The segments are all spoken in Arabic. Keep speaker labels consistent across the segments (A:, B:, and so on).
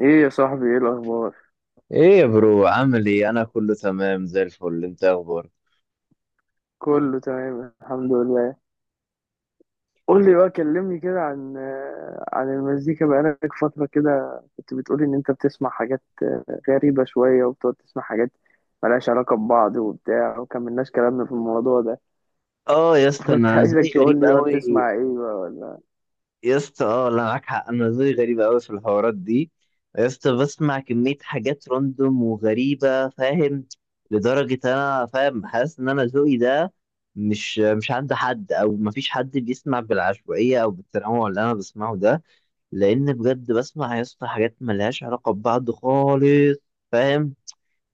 A: ايه يا صاحبي، ايه الاخبار؟
B: ايه يا برو؟ عامل ايه؟ انا كله تمام زي الفل. انت اخبارك؟
A: كله تمام، الحمد لله. قول لي بقى، كلمني كده عن المزيكا. بقالك فترة كده كنت بتقولي ان انت بتسمع حاجات غريبة شوية، وبتقعد تسمع حاجات ملهاش علاقة ببعض وبتاع، وكملناش كلامنا في الموضوع ده.
B: اه يا اسطى،
A: كنت
B: انا
A: عايزك
B: زي
A: تقول
B: غريب
A: لي بقى،
B: قوي.
A: بتسمع ايه بقى؟ ولا...
B: يا اسطى، اه لا، معاك حق، انا زي غريب قوي في الحوارات دي. يا اسطى، بسمع كميه حاجات راندوم وغريبه، فاهم؟ لدرجه انا فاهم، حاسس ان انا ذوقي ده مش عند حد، او مفيش حد بيسمع بالعشوائيه او بالتنوع اللي انا بسمعه ده. لان بجد بسمع يا اسطى حاجات ملهاش علاقه ببعض خالص، فاهم؟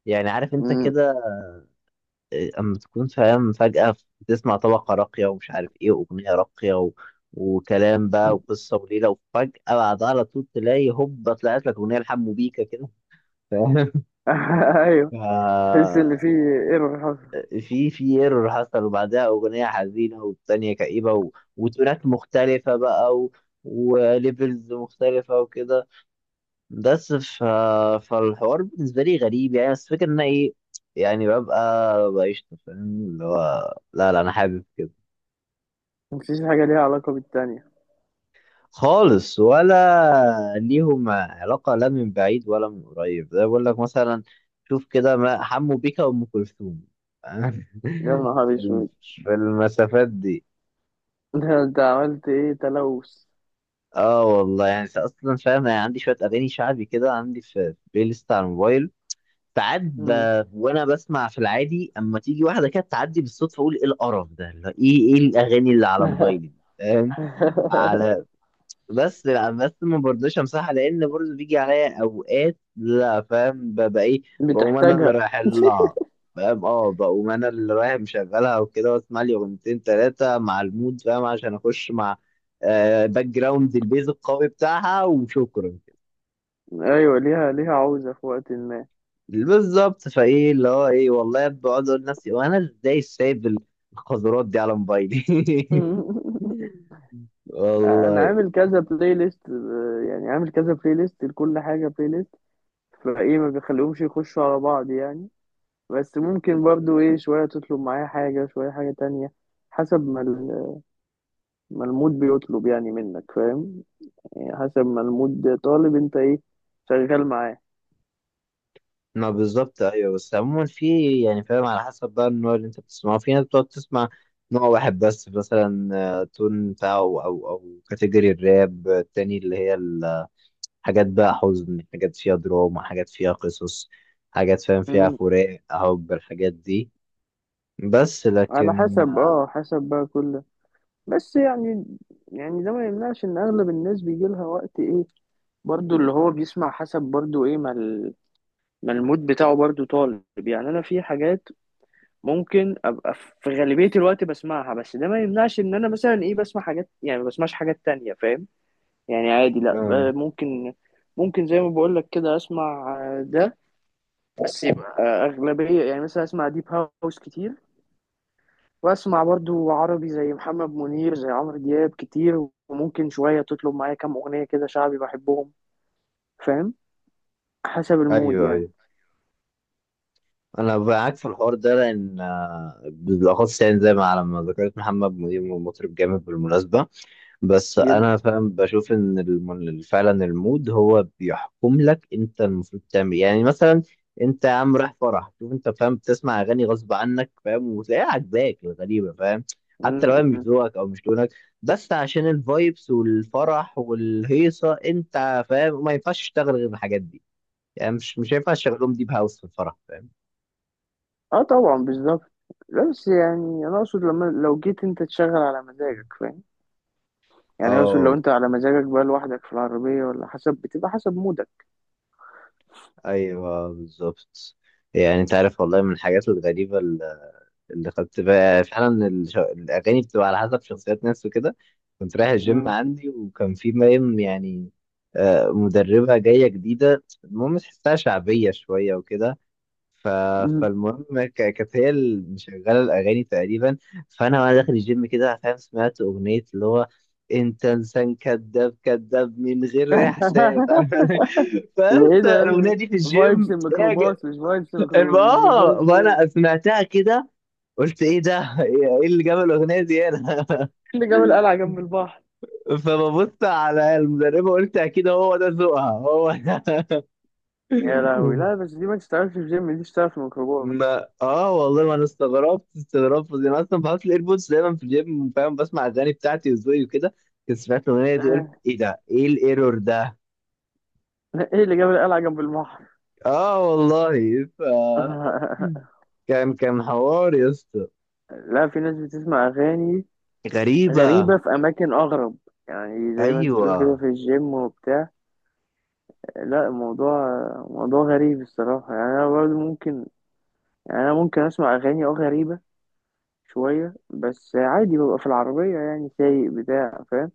B: يعني عارف انت
A: مم.
B: كده؟ اما تكون فاهم فجأة، بتسمع طبقة راقية ومش عارف ايه واغنية راقية وكلام بقى وقصة وليلة، وفجأة بعدها على طول تلاقي هوبا طلعت لك اغنية لحمو بيكا كده، فاهم؟
A: ايوه.
B: ف
A: تحس ان في ايه حصل؟
B: في ايرور حصل، وبعدها اغنية حزينة والتانية كئيبة وتونات مختلفة بقى وليفلز مختلفة وكده. بس فالحوار بالنسبة لي غريب يعني، بس فكرة ان أنا ايه، يعني ببقى بقشطة، فاهم؟ اللي هو لا لا، انا حابب كده.
A: مفيش حاجة ليها علاقة بالتانية.
B: خالص، ولا ليهم علاقة لا من بعيد ولا من قريب، زي بقول لك مثلا، شوف كده، ما حمو بيكا وأم كلثوم.
A: يا نهار
B: في
A: اسود!
B: في المسافات دي.
A: ده انت عملت ايه، تلوث؟
B: اه والله يعني، اصلا فاهم يعني، عندي شوية اغاني شعبي كده، عندي في بلاي ليست على الموبايل. ساعات
A: مم.
B: وانا بسمع في العادي، اما تيجي واحده كده تعدي بالصدفه، اقول ايه القرف ده؟ اللي هو ايه الاغاني اللي على موبايلي دي؟ فاهم؟ على بس، لا بس ما برضوش امسحها، لان برضه بيجي عليا اوقات لا فاهم، ببقى ايه، بقوم انا اللي
A: بتحتاجها.
B: رايح لها، فاهم؟ اه، بقوم انا اللي رايح مشغلها وكده واسمع لي اغنيتين ثلاثه مع المود، فاهم؟ عشان اخش مع باك جراوند البيز القوي بتاعها، وشكرا.
A: ايوه، ليها عوزة في وقت ما.
B: بالظبط، فايه اللي هو ايه، والله بقعد اقول لنفسي وانا ازاي سايب القذرات دي على موبايلي؟
A: انا
B: والله.
A: عامل كذا بلاي ليست، يعني عامل كذا بلاي ليست لكل حاجة بلاي ليست، فايه ما بخليهمش يخشوا على بعض يعني. بس ممكن برضو ايه شوية تطلب معايا حاجة، شوية حاجة تانية، حسب ما ما المود بيطلب يعني منك، فاهم؟ يعني حسب ما المود طالب انت ايه شغال معاه.
B: ما بالظبط ايوه، بس عموما في، يعني فاهم، على حسب بقى النوع اللي انت بتسمعه، في ناس بتقعد تسمع نوع واحد بس، مثلا تون بتاعه، او كاتيجوري الراب، التاني اللي هي الحاجات بقى حزن، حاجات فيها دراما، حاجات فيها قصص، حاجات فاهم فيها
A: مم.
B: فراق حب الحاجات دي. بس
A: على
B: لكن
A: حسب بقى كل، بس يعني، يعني ده ما يمنعش ان اغلب الناس بيجي لها وقت ايه، برضو اللي هو بيسمع حسب، برضو ايه ما ما المود بتاعه برضو طالب، يعني انا في حاجات ممكن ابقى في غالبية الوقت بسمعها، بس ده ما يمنعش ان انا مثلا ايه بسمع حاجات، يعني ما بسمعش حاجات تانية، فاهم؟ يعني عادي، لا
B: آه،
A: ممكن زي ما بقول لك كده، اسمع ده، بس يبقى اغلبية، يعني مثلا اسمع ديب هاوس كتير، واسمع برضو عربي زي محمد منير، زي عمرو دياب كتير، وممكن شوية تطلب معايا كام اغنية كده شعبي بحبهم، فاهم؟ حسب المود
B: ايوه ايوه، انا معاك في الحوار ده لان بالاخص يعني، زي ما على ما ذكرت محمد منير مطرب جامد بالمناسبه. بس
A: يعني.
B: انا فاهم بشوف ان فعلا المود هو بيحكم لك، انت المفروض تعمل يعني، مثلا انت يا عم رايح فرح، شوف انت، فاهم؟ بتسمع اغاني غصب عنك، فاهم؟ وتلاقيها عاجباك الغريبه، فاهم؟ حتى لو
A: مم.
B: هي مش
A: مم.
B: ذوقك او مش لونك، بس عشان الفايبس والفرح والهيصه، انت فاهم، ما ينفعش تشتغل غير الحاجات دي. يعني مش هينفع تشغلهم ديب هاوس في الفرح، فاهم؟
A: اه طبعا، بالظبط. لا بس يعني انا اقصد لما لو جيت انت تشغل على مزاجك، فاهم؟ يعني اقصد لو
B: اه،
A: انت على مزاجك بقى لوحدك في العربية، ولا، حسب، بتبقى حسب مودك.
B: ايوه، بالظبط. يعني انت عارف، والله من الحاجات الغريبه اللي خدت بقى فعلا، الاغاني بتبقى على حسب شخصيات ناس وكده. كنت رايح الجيم
A: مم.
B: عندي وكان في مريم يعني، مدربه جايه جديده، المهم تحسها شعبيه شويه وكده. ف...
A: مم.
B: فالمهم كانت هي اللي مشغله الاغاني تقريبا. فانا وانا داخل الجيم كده، فاهم، سمعت اغنيه اللي هو انت انسان كذاب كذاب من غير احساس. انا
A: ايه
B: بس،
A: ده؟
B: الاغنيه دي في
A: فايبس
B: الجيم ايه يا
A: الميكروباص، مش فايبس الميكروباص، مش
B: اه،
A: فايبس جيم.
B: وانا سمعتها كده، قلت ايه ده؟ ايه اللي جاب الاغنيه دي هنا؟
A: اللي جاب القلعة جنب البحر!
B: فببص على المدربه، قلت اكيد هو ده ذوقها، هو ده.
A: يا لهوي، لا بس دي ما تشتغلش في جيم، دي تشتغل في ميكروباص.
B: ما اه والله، ما انا استغربت استغربت يعني. انا اصلا بحط الايربودز دايما في الجيب، فاهم، بسمع اغاني بتاعتي وذوقي وكده، كنت سمعت الاغنيه دي قلت ايه ده؟ ايه الايرور ده؟
A: ايه اللي جاب القلعة جنب البحر؟
B: اه والله كان حوار يا اسطى
A: لا، في ناس بتسمع اغاني
B: غريبه.
A: غريبة في أماكن أغرب، يعني زي ما أنت
B: ايوه.
A: تقول كده في الجيم وبتاع. لا، الموضوع، موضوع غريب الصراحة، يعني أنا برضه ممكن، يعني أنا ممكن أسمع أغاني غريبة شوية، بس عادي ببقى في العربية يعني، سايق بتاع، فاهم؟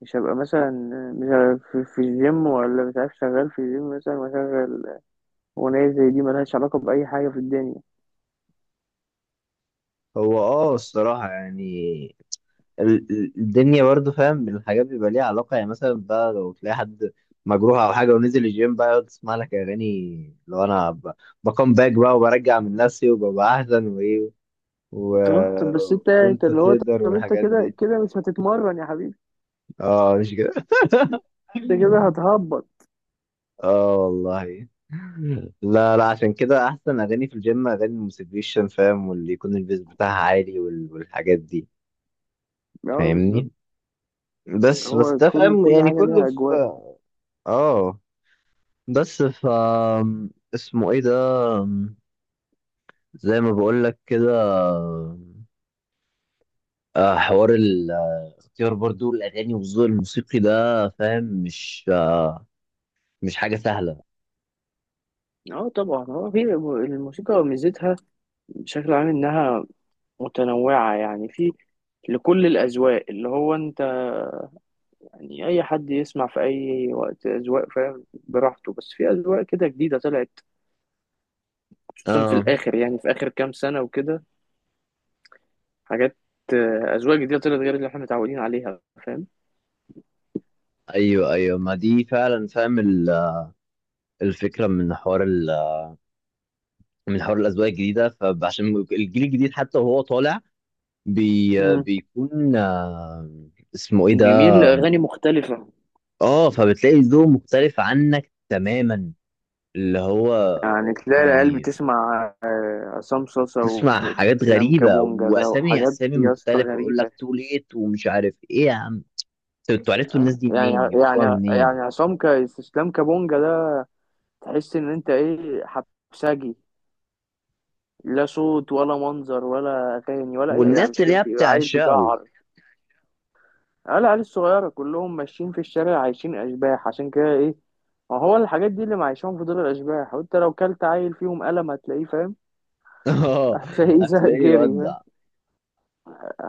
A: مش هبقى مثلا، مش هبقى في الجيم، ولا مش عارف شغال في الجيم مثلا، وأشغل أغنية زي دي ملهاش علاقة بأي حاجة في الدنيا.
B: هو الصراحه يعني، الدنيا برضو، فاهم، الحاجات بيبقى ليها علاقة، يعني مثلا بقى لو تلاقي حد مجروح أو حاجة ونزل الجيم بقى يقعد يسمع لك أغاني، لو أنا بكم باك بقى، وبرجع من نفسي وببقى أحسن، وإيه و...
A: طب بس أنت
B: وأنت
A: اللي هو،
B: تقدر
A: طب أنت
B: والحاجات
A: كده
B: دي.
A: كده مش هتتمرن يا حبيبي،
B: أه، مش كده.
A: أنت كده هتهبط.
B: أه والله، لا لا، عشان كده أحسن أغاني في الجيم أغاني الموتيفيشن، فاهم، واللي يكون البيز بتاعها عالي والحاجات دي.
A: اه بالظبط.
B: فاهمني؟ بس
A: هو
B: ده
A: كل
B: فاهم
A: كل
B: يعني
A: حاجة
B: كله
A: ليها
B: في.
A: أجواء.
B: اه، بس اسمه ايه ده؟ زي ما بقول لك كده، حوار الاختيار برضو الاغاني والذوق الموسيقي ده، فاهم، مش حاجه سهله.
A: اه طبعا، هو في الموسيقى ميزتها بشكل عام انها متنوعة، يعني في لكل الأذواق، اللي هو انت يعني أي حد يسمع في أي وقت أذواق، فاهم؟ براحته، بس في أذواق كده جديدة طلعت، خصوصا في
B: اه،
A: الآخر، يعني في آخر كام سنة وكده، حاجات، أذواق جديدة طلعت غير اللي احنا متعودين عليها، فاهم؟
B: ايوه ايوه، ما دي فعلا، فاهم، الفكره من حوار الاذواق الجديده، فعشان الجيل الجديد حتى وهو طالع،
A: مم.
B: بيكون اسمه ايه ده؟
A: بيميل لأغاني مختلفة،
B: اه، فبتلاقي ذوق مختلف عنك تماما، اللي هو،
A: يعني تلاقي العيال
B: يعني
A: بتسمع عصام صاصا
B: تسمع حاجات
A: وإسلام
B: غريبة
A: كابونجا ده،
B: وأسامي
A: وحاجات
B: أسامي
A: يا اسطى
B: مختلفة، ويقول لك
A: غريبة.
B: تو ليت ومش عارف إيه يا عم. طب أنتوا عرفتوا الناس
A: آه،
B: دي
A: يعني
B: منين؟
A: يعني
B: جبتوها منين؟
A: يعني عصام إسلام كابونجا ده، تحس إن أنت إيه، حبسجي، لا صوت ولا منظر ولا أغاني ولا أي، يعني
B: والناس
A: مش
B: اللي
A: فاهم،
B: هي
A: بيبقى عيل
B: بتعشقه!
A: بيجعر. العيال الصغيرة كلهم ماشيين في الشارع، عايشين أشباح، عشان كده إيه، ما هو الحاجات دي اللي معيشهم في دول الأشباح، وأنت لو كلت عيل فيهم قلم هتلاقيه، فاهم؟
B: آه،
A: هتلاقيه زهق
B: هتلاقيه
A: جري، فاهم؟
B: يودع،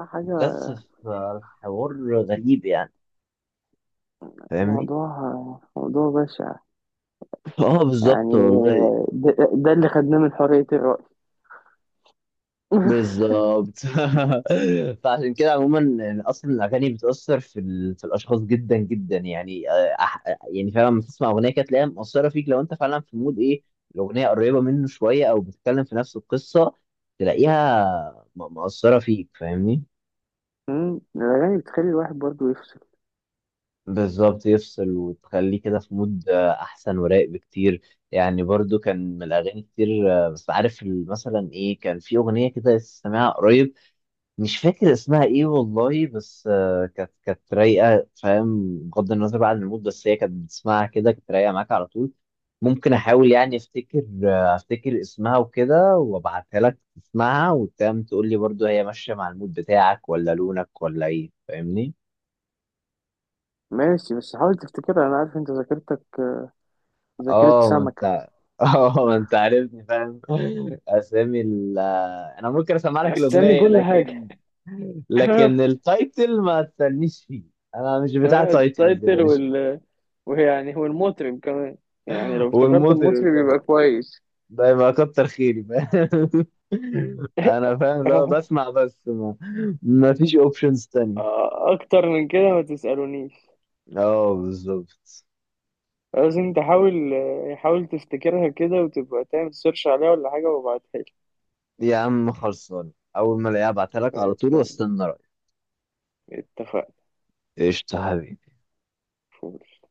A: حاجة،
B: بس، فالحوار غريب يعني، فاهمني؟
A: موضوع موضوع بشع،
B: آه، بالظبط
A: يعني،
B: والله.
A: ده اللي خدناه من حرية الرأي.
B: بالظبط. فعشان كده عموما يعني، اصلا الاغاني بتاثر في الاشخاص جدا جدا يعني يعني فعلا لما تسمع اغنيه كده تلاقيها مؤثره فيك، لو انت فعلا في مود ايه الاغنيه قريبه منه شويه، او بتتكلم في نفس القصه، تلاقيها مؤثره فيك، فاهمني؟
A: الأغاني بتخلي الواحد برضه يفصل.
B: بالظبط يفصل، وتخليه كده في مود احسن ورايق بكتير. يعني برضو، كان من الاغاني كتير، بس عارف، مثلا ايه، كان في اغنيه كده سامعها قريب، مش فاكر اسمها ايه والله، بس كانت رايقه، فاهم، بغض النظر بقى عن المود، بس هي كانت بتسمعها كده، كانت رايقه معاك على طول. ممكن احاول يعني افتكر اسمها وكده، وابعتها لك تسمعها وتم تقول لي برضو هي ماشيه مع المود بتاعك، ولا لونك ولا ايه، فاهمني؟
A: ماشي، بس حاول تفتكرها، أنا عارف أنت ذاكرتك ذاكرة
B: اه، ما
A: سمكة،
B: انت، اه، ما انت عارفني، فاهم؟ اسامي ال آه، انا ممكن اسمع لك
A: اسامي
B: الاغنيه،
A: كل حاجه.
B: لكن
A: آه،
B: لكن التايتل ما تسالنيش فيه، انا مش بتاع تايتلز.
A: التايتل وال... ويعني هو المطرب كمان، يعني لو افتكرت
B: والمطرب
A: المطرب
B: كمان،
A: يبقى كويس.
B: ده يبقى كتر خيري، فاهم؟ انا فاهم، لو بسمع، بس ما فيش اوبشنز تانية.
A: اكتر من كده ما تسألونيش،
B: اه، بالظبط.
A: لازم تحاول، حاول تفتكرها كده وتبقى تعمل سيرش عليها ولا حاجة، وابعتها
B: يا عم خلصان، اول ما الاقيها ابعتها لك على طول،
A: لي.
B: واستنى رايك.
A: اتفقنا.
B: قشطة حبيبي.
A: فول.